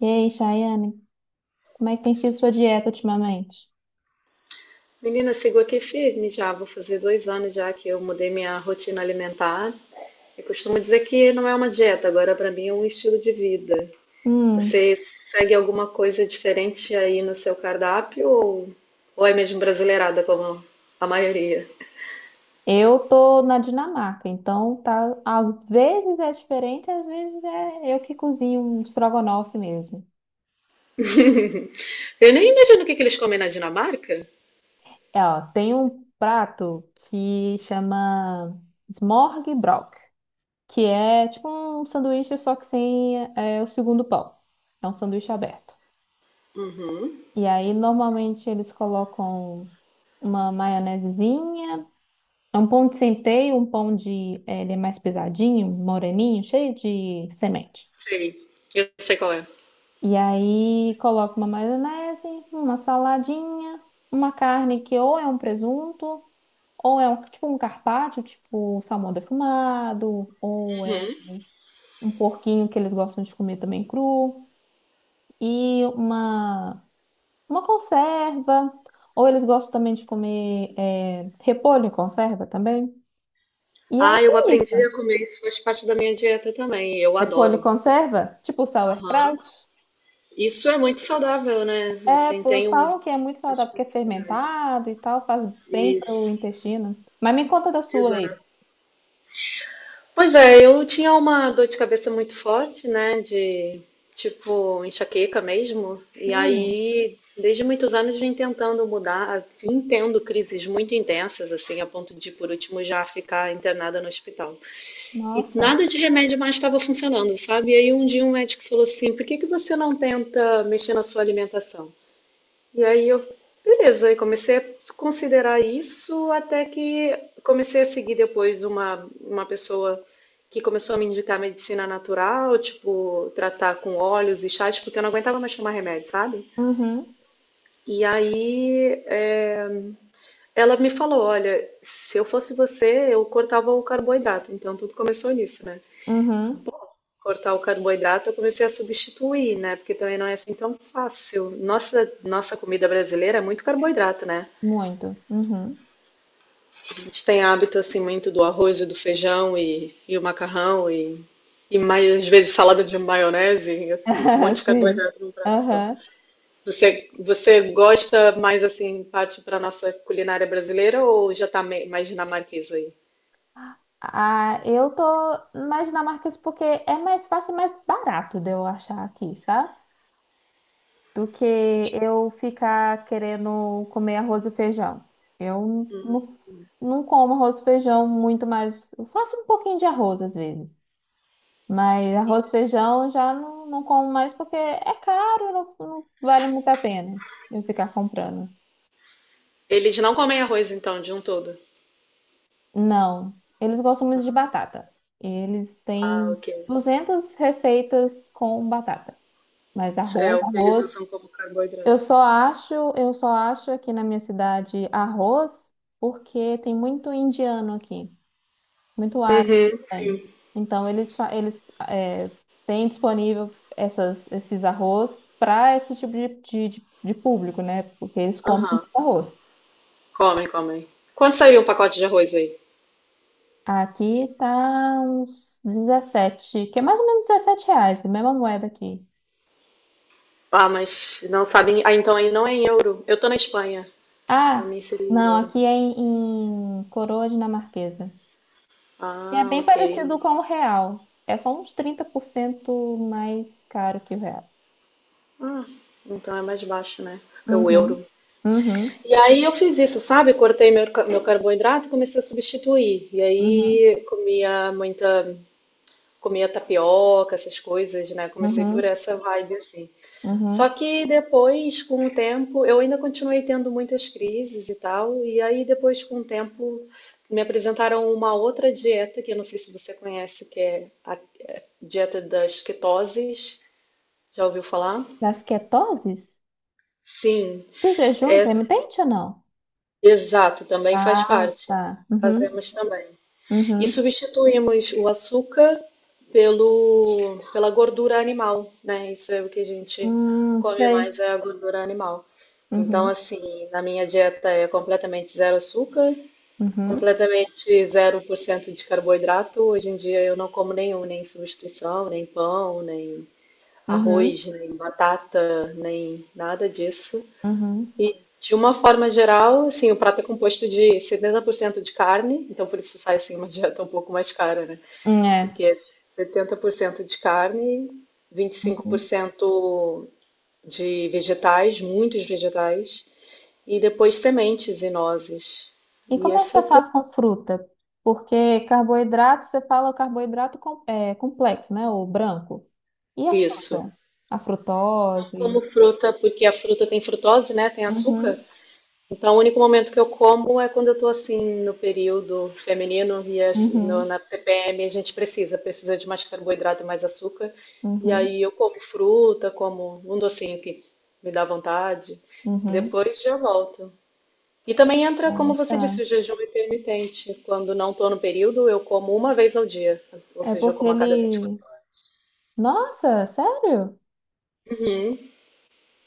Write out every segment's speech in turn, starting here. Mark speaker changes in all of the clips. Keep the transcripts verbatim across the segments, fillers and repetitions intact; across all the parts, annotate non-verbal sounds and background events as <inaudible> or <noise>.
Speaker 1: E aí, Chayane, como é que tem sido sua dieta ultimamente?
Speaker 2: Menina, sigo aqui firme já. Vou fazer dois anos já que eu mudei minha rotina alimentar. Eu costumo dizer que não é uma dieta, agora para mim é um estilo de vida.
Speaker 1: Hum,
Speaker 2: Você segue alguma coisa diferente aí no seu cardápio ou, ou é mesmo brasileirada como a maioria?
Speaker 1: eu tô na Dinamarca, então tá, às vezes é diferente, às vezes é eu que cozinho um estrogonofe mesmo.
Speaker 2: Eu nem imagino o que que eles comem na Dinamarca.
Speaker 1: É, ó, tem um prato que chama smørrebrød, que é tipo um sanduíche só que sem é, o segundo pão. É um sanduíche aberto.
Speaker 2: Uhum,
Speaker 1: E aí normalmente eles colocam uma maionesezinha. É um pão de centeio, um pão de. eh, Ele é mais pesadinho, moreninho, cheio de semente.
Speaker 2: sei. Eu sei qual é.
Speaker 1: E aí coloco uma maionese, uma saladinha, uma carne que ou é um presunto, ou é um, tipo um carpaccio, tipo salmão defumado, ou é
Speaker 2: Uhum.
Speaker 1: um porquinho que eles gostam de comer também cru, e uma, uma conserva. Ou eles gostam também de comer eh, repolho em conserva também. E aí
Speaker 2: Ah, eu
Speaker 1: é isso.
Speaker 2: aprendi a comer, isso faz parte da minha dieta também. Eu
Speaker 1: Repolho
Speaker 2: adoro.
Speaker 1: conserva? Tipo
Speaker 2: Aham.
Speaker 1: sauerkraut?
Speaker 2: Isso é muito saudável, né?
Speaker 1: É,
Speaker 2: Assim,
Speaker 1: pô,
Speaker 2: tem um.
Speaker 1: falam que é muito saudável porque é
Speaker 2: Especificidade.
Speaker 1: fermentado e tal, faz bem pro
Speaker 2: Isso,
Speaker 1: intestino. Mas me conta da sua
Speaker 2: exato.
Speaker 1: aí.
Speaker 2: Pois é, eu tinha uma dor de cabeça muito forte, né? De tipo enxaqueca mesmo. E
Speaker 1: Hum,
Speaker 2: aí, desde muitos anos, vim tentando mudar, assim, tendo crises muito intensas, assim, a ponto de, por último, já ficar internada no hospital. E
Speaker 1: nossa.
Speaker 2: nada de remédio mais estava funcionando, sabe? E aí, um dia, um médico falou assim: por que que você não tenta mexer na sua alimentação? E aí eu, beleza, eu comecei a considerar isso até que comecei a seguir depois uma, uma pessoa que começou a me indicar medicina natural, tipo, tratar com óleos e chás, porque eu não aguentava mais tomar remédio, sabe?
Speaker 1: Uhum,
Speaker 2: E aí é, ela me falou, olha, se eu fosse você, eu cortava o carboidrato. Então tudo começou nisso, né?
Speaker 1: uhum,
Speaker 2: Bom, cortar o carboidrato eu comecei a substituir, né? Porque também não é assim tão fácil. Nossa, nossa comida brasileira é muito carboidrato, né?
Speaker 1: muito. Uhum.
Speaker 2: A gente tem hábito assim muito do arroz e do feijão e, e o macarrão e, e mais às vezes salada de maionese, um monte
Speaker 1: <laughs>
Speaker 2: de
Speaker 1: Sim.
Speaker 2: carboidrato num prato só.
Speaker 1: Aham.
Speaker 2: Você, você gosta mais assim, parte para nossa culinária brasileira ou já tá me- mais dinamarquesa aí?
Speaker 1: Ah, eu tô na Dinamarca isso porque é mais fácil e mais barato de eu achar aqui, sabe? Do que eu ficar querendo comer arroz e feijão. Eu não, não como arroz e feijão muito mais. Eu faço um pouquinho de arroz às vezes, mas arroz e feijão já não, não como mais porque é caro, não, não vale muito a pena eu ficar comprando.
Speaker 2: Eles não comem arroz então, de um todo.
Speaker 1: Não, eles gostam muito de batata. Eles
Speaker 2: Ah,
Speaker 1: têm
Speaker 2: ok.
Speaker 1: duzentas receitas com batata, mas
Speaker 2: É
Speaker 1: arroz,
Speaker 2: o que eles
Speaker 1: arroz.
Speaker 2: usam como
Speaker 1: Eu
Speaker 2: carboidrato.
Speaker 1: só acho, eu só acho aqui na minha cidade arroz porque tem muito indiano aqui, muito árabe
Speaker 2: Uhum.
Speaker 1: também. Então eles fa- eles é, têm disponível essas esses arroz para esse tipo de, de, de- de público, né? Porque eles comem
Speaker 2: Aham.
Speaker 1: muito arroz.
Speaker 2: Comem, comem. Quanto sairia um pacote de arroz aí?
Speaker 1: Aqui tá uns dezessete, que é mais ou menos dezessete reais, a mesma moeda aqui.
Speaker 2: Ah, mas não sabem. Ah, então aí não é em euro. Eu tô na Espanha. Pra
Speaker 1: Ah,
Speaker 2: mim seria em
Speaker 1: não,
Speaker 2: euro.
Speaker 1: aqui é em, em coroa dinamarquesa. E é
Speaker 2: Ah,
Speaker 1: bem
Speaker 2: ok.
Speaker 1: parecido com o real. É só uns trinta por cento mais caro que o real.
Speaker 2: Ah, então é mais baixo, né? Que o
Speaker 1: Uhum,
Speaker 2: euro.
Speaker 1: uhum,
Speaker 2: E aí eu fiz isso, sabe? Cortei meu, ca- meu carboidrato e comecei a substituir. E
Speaker 1: uhum,
Speaker 2: aí comia muita, comia tapioca, essas coisas, né? Comecei por
Speaker 1: uhum,
Speaker 2: essa vibe assim. Só
Speaker 1: uhum.
Speaker 2: que depois, com o tempo, eu ainda continuei tendo muitas crises e tal. E aí depois, com o tempo, me apresentaram uma outra dieta que eu não sei se você conhece, que é a dieta das ketoses. Já ouviu falar?
Speaker 1: Das ketoses?
Speaker 2: Sim.
Speaker 1: Do jejum
Speaker 2: É,
Speaker 1: intermitente ou não?
Speaker 2: exato, também faz
Speaker 1: Ah,
Speaker 2: parte.
Speaker 1: tá. Uhum,
Speaker 2: Fazemos também. E
Speaker 1: uhum.
Speaker 2: substituímos o açúcar pelo, pela gordura animal, né? Isso é o que a gente
Speaker 1: Hum,
Speaker 2: come
Speaker 1: sei.
Speaker 2: mais, é a gordura animal. Então,
Speaker 1: Uhum,
Speaker 2: assim, na minha dieta é completamente zero açúcar,
Speaker 1: uhum,
Speaker 2: completamente zero por cento de carboidrato. Hoje em dia eu não como nenhum, nem substituição, nem pão, nem
Speaker 1: uhum,
Speaker 2: arroz, nem batata, nem nada disso.
Speaker 1: uhum.
Speaker 2: E de uma forma geral, assim, o prato é composto de setenta por cento de carne, então por isso sai assim uma <laughs> dieta um pouco mais cara, né?
Speaker 1: Hum, é.
Speaker 2: Porque é setenta por cento de carne,
Speaker 1: Uhum.
Speaker 2: vinte e cinco por cento de vegetais, muitos vegetais, e depois sementes e nozes.
Speaker 1: E
Speaker 2: E
Speaker 1: como é que
Speaker 2: esse é o
Speaker 1: você
Speaker 2: que eu
Speaker 1: faz com fruta? Porque carboidrato, você fala carboidrato com, é, complexo, né? O branco. E a
Speaker 2: isso.
Speaker 1: fruta? A frutose?
Speaker 2: Como fruta, porque a fruta tem frutose, né? Tem açúcar.
Speaker 1: Uhum,
Speaker 2: Então, o único momento que eu como é quando eu estou assim no período feminino e as- no-
Speaker 1: uhum,
Speaker 2: na T P M a gente precisa, precisa de mais carboidrato e mais açúcar. E
Speaker 1: uhum,
Speaker 2: aí eu como fruta, como um docinho que me dá vontade. E
Speaker 1: uhum.
Speaker 2: depois já volto. E também entra, como
Speaker 1: Ah,
Speaker 2: você
Speaker 1: tá.
Speaker 2: disse, o jejum intermitente. Quando não estou no período, eu como uma vez ao dia. Ou
Speaker 1: É
Speaker 2: seja, eu
Speaker 1: porque
Speaker 2: como a cada vinte e quatro.
Speaker 1: ele. Nossa, sério?
Speaker 2: Uhum.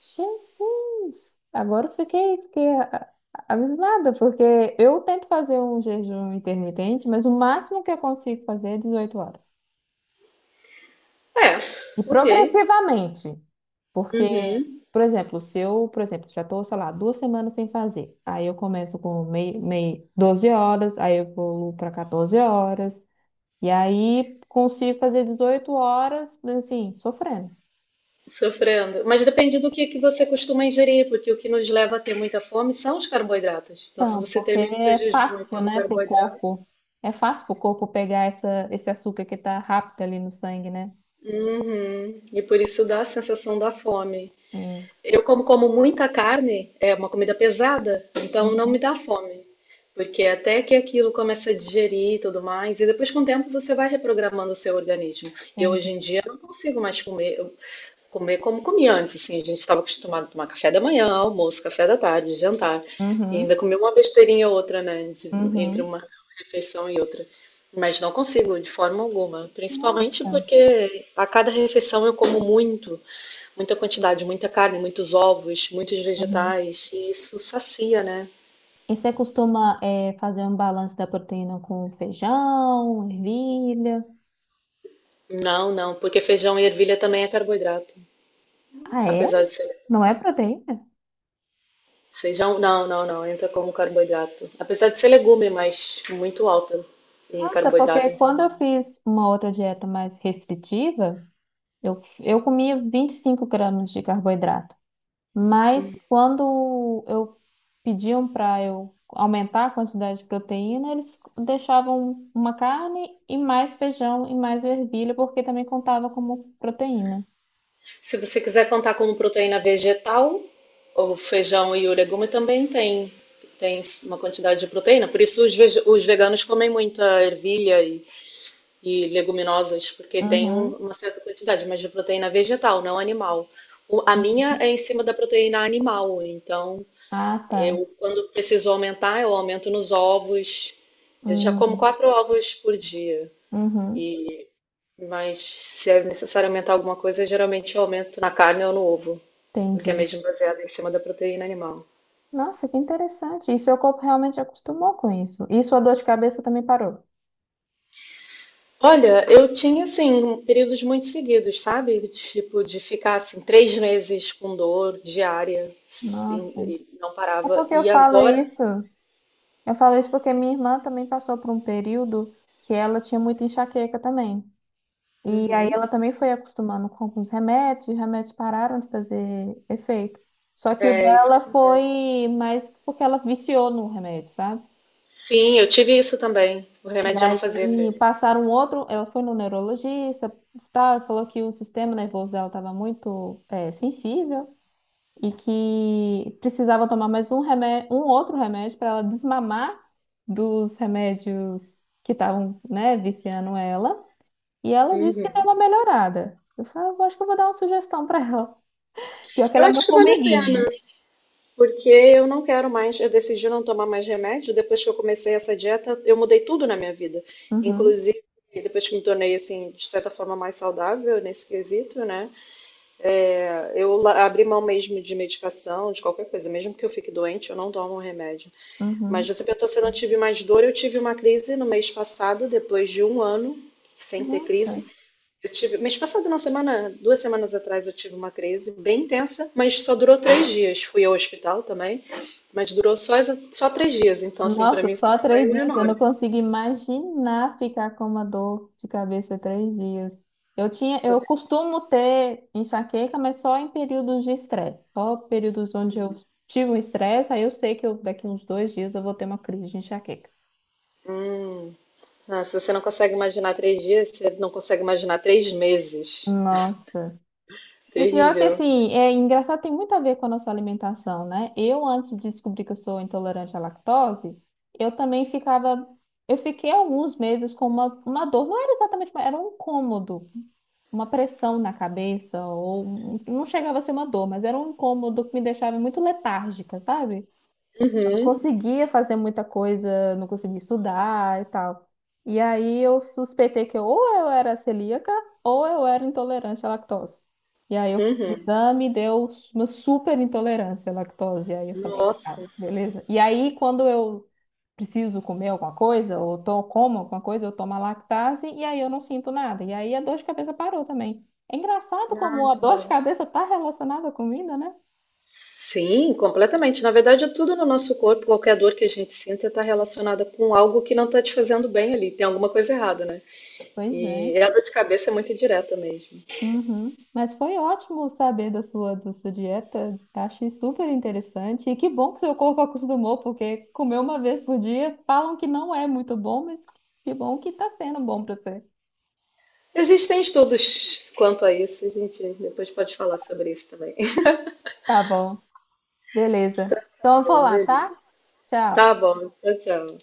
Speaker 1: Jesus! Agora eu fiquei, fiquei a- a- abismada, porque eu tento fazer um jejum intermitente, mas o máximo que eu consigo fazer é dezoito horas.
Speaker 2: É,
Speaker 1: E
Speaker 2: ok.
Speaker 1: progressivamente. Porque,
Speaker 2: Uhum.
Speaker 1: por exemplo, se eu, por exemplo, já estou, sei lá, duas semanas sem fazer, aí eu começo com meio, meio doze horas, aí eu pulo para quatorze horas, e aí consigo fazer dezoito horas, assim, sofrendo.
Speaker 2: Sofrendo. Mas depende do que, que você costuma ingerir, porque o que nos leva a ter muita fome são os carboidratos. Então, se
Speaker 1: Não,
Speaker 2: você
Speaker 1: porque
Speaker 2: termina o seu
Speaker 1: é
Speaker 2: jejum e
Speaker 1: fácil,
Speaker 2: come
Speaker 1: né, pro
Speaker 2: carboidrato,
Speaker 1: corpo. É fácil pro corpo pegar essa, esse açúcar que tá rápido ali no sangue, né?
Speaker 2: uhum, e por isso dá a sensação da fome.
Speaker 1: Sim.
Speaker 2: Eu, como como muita carne, é uma comida pesada, então não
Speaker 1: Uhum,
Speaker 2: me dá fome. Porque até que aquilo começa a digerir e tudo mais, e depois com o tempo você vai reprogramando o seu organismo. Eu
Speaker 1: entendi.
Speaker 2: hoje em dia não consigo mais comer, comer como comia antes, assim, a gente estava acostumado a tomar café da manhã, almoço, café da tarde, jantar, e
Speaker 1: Uhum,
Speaker 2: ainda comer uma besteirinha ou outra, né, de- entre
Speaker 1: uhum.
Speaker 2: uma refeição e outra. Mas não consigo de forma alguma, principalmente
Speaker 1: Nossa.
Speaker 2: porque a cada refeição eu como muito, muita quantidade, muita carne, muitos ovos, muitos
Speaker 1: Uhum.
Speaker 2: vegetais, e isso sacia, né?
Speaker 1: E você costuma é, fazer um balanço da proteína com feijão, ervilha?
Speaker 2: Não, não, porque feijão e ervilha também é carboidrato,
Speaker 1: Ah, é?
Speaker 2: apesar de ser
Speaker 1: Não é proteína?
Speaker 2: feijão, não, não, não, entra como carboidrato. Apesar de ser legume, mas muito alta em
Speaker 1: Nossa, porque
Speaker 2: carboidrato, então
Speaker 1: quando
Speaker 2: não.
Speaker 1: eu fiz uma outra dieta mais restritiva, Eu, eu comia vinte e cinco gramas de carboidrato, mas quando eu pediam para eu aumentar a quantidade de proteína, eles deixavam uma carne e mais feijão e mais ervilha, porque também contava como proteína.
Speaker 2: Se você quiser contar como proteína vegetal, o feijão e o legume também tem, tem uma quantidade de proteína. Por isso os, vege- os veganos comem muita ervilha e, e leguminosas, porque tem um-
Speaker 1: Uhum.
Speaker 2: uma certa quantidade, mas de proteína vegetal, não animal. O- a minha é em cima da proteína animal, então
Speaker 1: Ah, tá.
Speaker 2: eu, quando preciso aumentar, eu aumento nos ovos. Eu já como
Speaker 1: Uhum.
Speaker 2: quatro ovos por dia.
Speaker 1: Uhum.
Speaker 2: E, mas se é necessário aumentar alguma coisa, eu geralmente aumento na carne ou no ovo, porque é
Speaker 1: Entendi.
Speaker 2: mesmo baseado em cima da proteína animal.
Speaker 1: Nossa, que interessante. E seu corpo realmente acostumou com isso. E sua dor de cabeça também parou.
Speaker 2: Olha, eu tinha assim períodos muito seguidos, sabe? Tipo de ficar assim três meses com dor diária, sim,
Speaker 1: Nossa.
Speaker 2: e não
Speaker 1: É
Speaker 2: parava.
Speaker 1: porque
Speaker 2: E
Speaker 1: eu falo
Speaker 2: agora,
Speaker 1: isso. Eu falo isso porque minha irmã também passou por um período que ela tinha muita enxaqueca também. E aí ela
Speaker 2: uhum,
Speaker 1: também foi acostumando com alguns remédios, e os remédios pararam de fazer efeito. Só que o
Speaker 2: é isso que
Speaker 1: dela
Speaker 2: acontece.
Speaker 1: foi mais porque ela viciou no remédio, sabe?
Speaker 2: Sim, eu tive isso também. O
Speaker 1: E
Speaker 2: remédio já não
Speaker 1: aí
Speaker 2: fazia efeito.
Speaker 1: passaram um outro, ela foi no neurologista, tá, falou que o sistema nervoso dela estava muito eh, sensível. E que precisava tomar mais um remédio, um outro remédio para ela desmamar dos remédios que estavam, né, viciando ela. E ela disse que deu
Speaker 2: Uhum.
Speaker 1: uma melhorada. Eu falei, "Eu acho que eu vou dar uma sugestão para ela. Pior que
Speaker 2: Eu
Speaker 1: ela é uma
Speaker 2: acho que vale a pena,
Speaker 1: formiguinha."
Speaker 2: porque eu não quero mais, eu decidi não tomar mais remédio. Depois que eu comecei essa dieta, eu mudei tudo na minha vida.
Speaker 1: Uhum,
Speaker 2: Inclusive, depois que me tornei, assim, de certa forma mais saudável nesse quesito, né? Eu la- abri mão mesmo de medicação, de qualquer coisa. Mesmo que eu fique doente, eu não tomo remédio. Mas
Speaker 1: uhum.
Speaker 2: você perguntou se eu não tive mais dor. Eu tive uma crise no mês passado, depois de um ano sem ter
Speaker 1: Nossa.
Speaker 2: crise. Eu tive, mês passado, não, semana, duas semanas atrás eu tive uma crise bem intensa, mas só durou três dias. Fui ao hospital também, mas durou só, exa- só três dias. Então, assim, pra
Speaker 1: Nossa,
Speaker 2: mim foi
Speaker 1: só
Speaker 2: um
Speaker 1: três
Speaker 2: ganho
Speaker 1: dias. Eu não
Speaker 2: enorme.
Speaker 1: consigo imaginar ficar com uma dor de cabeça três dias. Eu tinha, eu costumo ter enxaqueca, mas só em períodos de estresse. Só períodos onde eu tive um estresse, aí eu sei que eu, daqui uns dois dias eu vou ter uma crise de enxaqueca.
Speaker 2: Hum. Ah, se você não consegue imaginar três dias, você não consegue imaginar três meses.
Speaker 1: Nossa. E pior que
Speaker 2: Terrível.
Speaker 1: assim, é engraçado, tem muito a ver com a nossa alimentação, né? Eu, antes de descobrir que eu sou intolerante à lactose, eu também ficava. Eu fiquei alguns meses com uma, uma dor, não era exatamente, uma- era um incômodo, uma pressão na cabeça, ou um- não chegava a ser uma dor, mas era um incômodo que me deixava muito letárgica, sabe? Não
Speaker 2: Uhum,
Speaker 1: conseguia fazer muita coisa, não conseguia estudar e tal. E aí eu suspeitei que ou eu era celíaca ou eu era intolerante à lactose. E aí eu fiz o
Speaker 2: uhum.
Speaker 1: exame e deu uma super intolerância à lactose. E aí eu falei, ah,
Speaker 2: Nossa.
Speaker 1: beleza. E aí quando eu preciso comer alguma coisa, ou to como alguma coisa, eu tomo a lactase e aí eu não sinto nada. E aí a dor de cabeça parou também. É engraçado como
Speaker 2: Ai,
Speaker 1: a
Speaker 2: que
Speaker 1: dor de
Speaker 2: bom.
Speaker 1: cabeça está relacionada à comida, né?
Speaker 2: Sim, completamente. Na verdade, tudo no nosso corpo, qualquer dor que a gente sinta, está relacionada com algo que não está te fazendo bem ali. Tem alguma coisa errada, né?
Speaker 1: Pois é.
Speaker 2: E é a dor de cabeça é muito indireta mesmo.
Speaker 1: Uhum. Mas foi ótimo saber da sua, da sua dieta. Achei super interessante. E que bom que seu corpo acostumou, porque comer uma vez por dia falam que não é muito bom, mas que bom que tá sendo bom pra você.
Speaker 2: Existem estudos quanto a isso, a gente depois pode falar sobre isso também. <laughs>
Speaker 1: Tá bom, beleza. Então eu
Speaker 2: Tá
Speaker 1: vou
Speaker 2: bom,
Speaker 1: lá,
Speaker 2: beleza.
Speaker 1: tá? Tchau.
Speaker 2: Tá bom, tchau, tchau.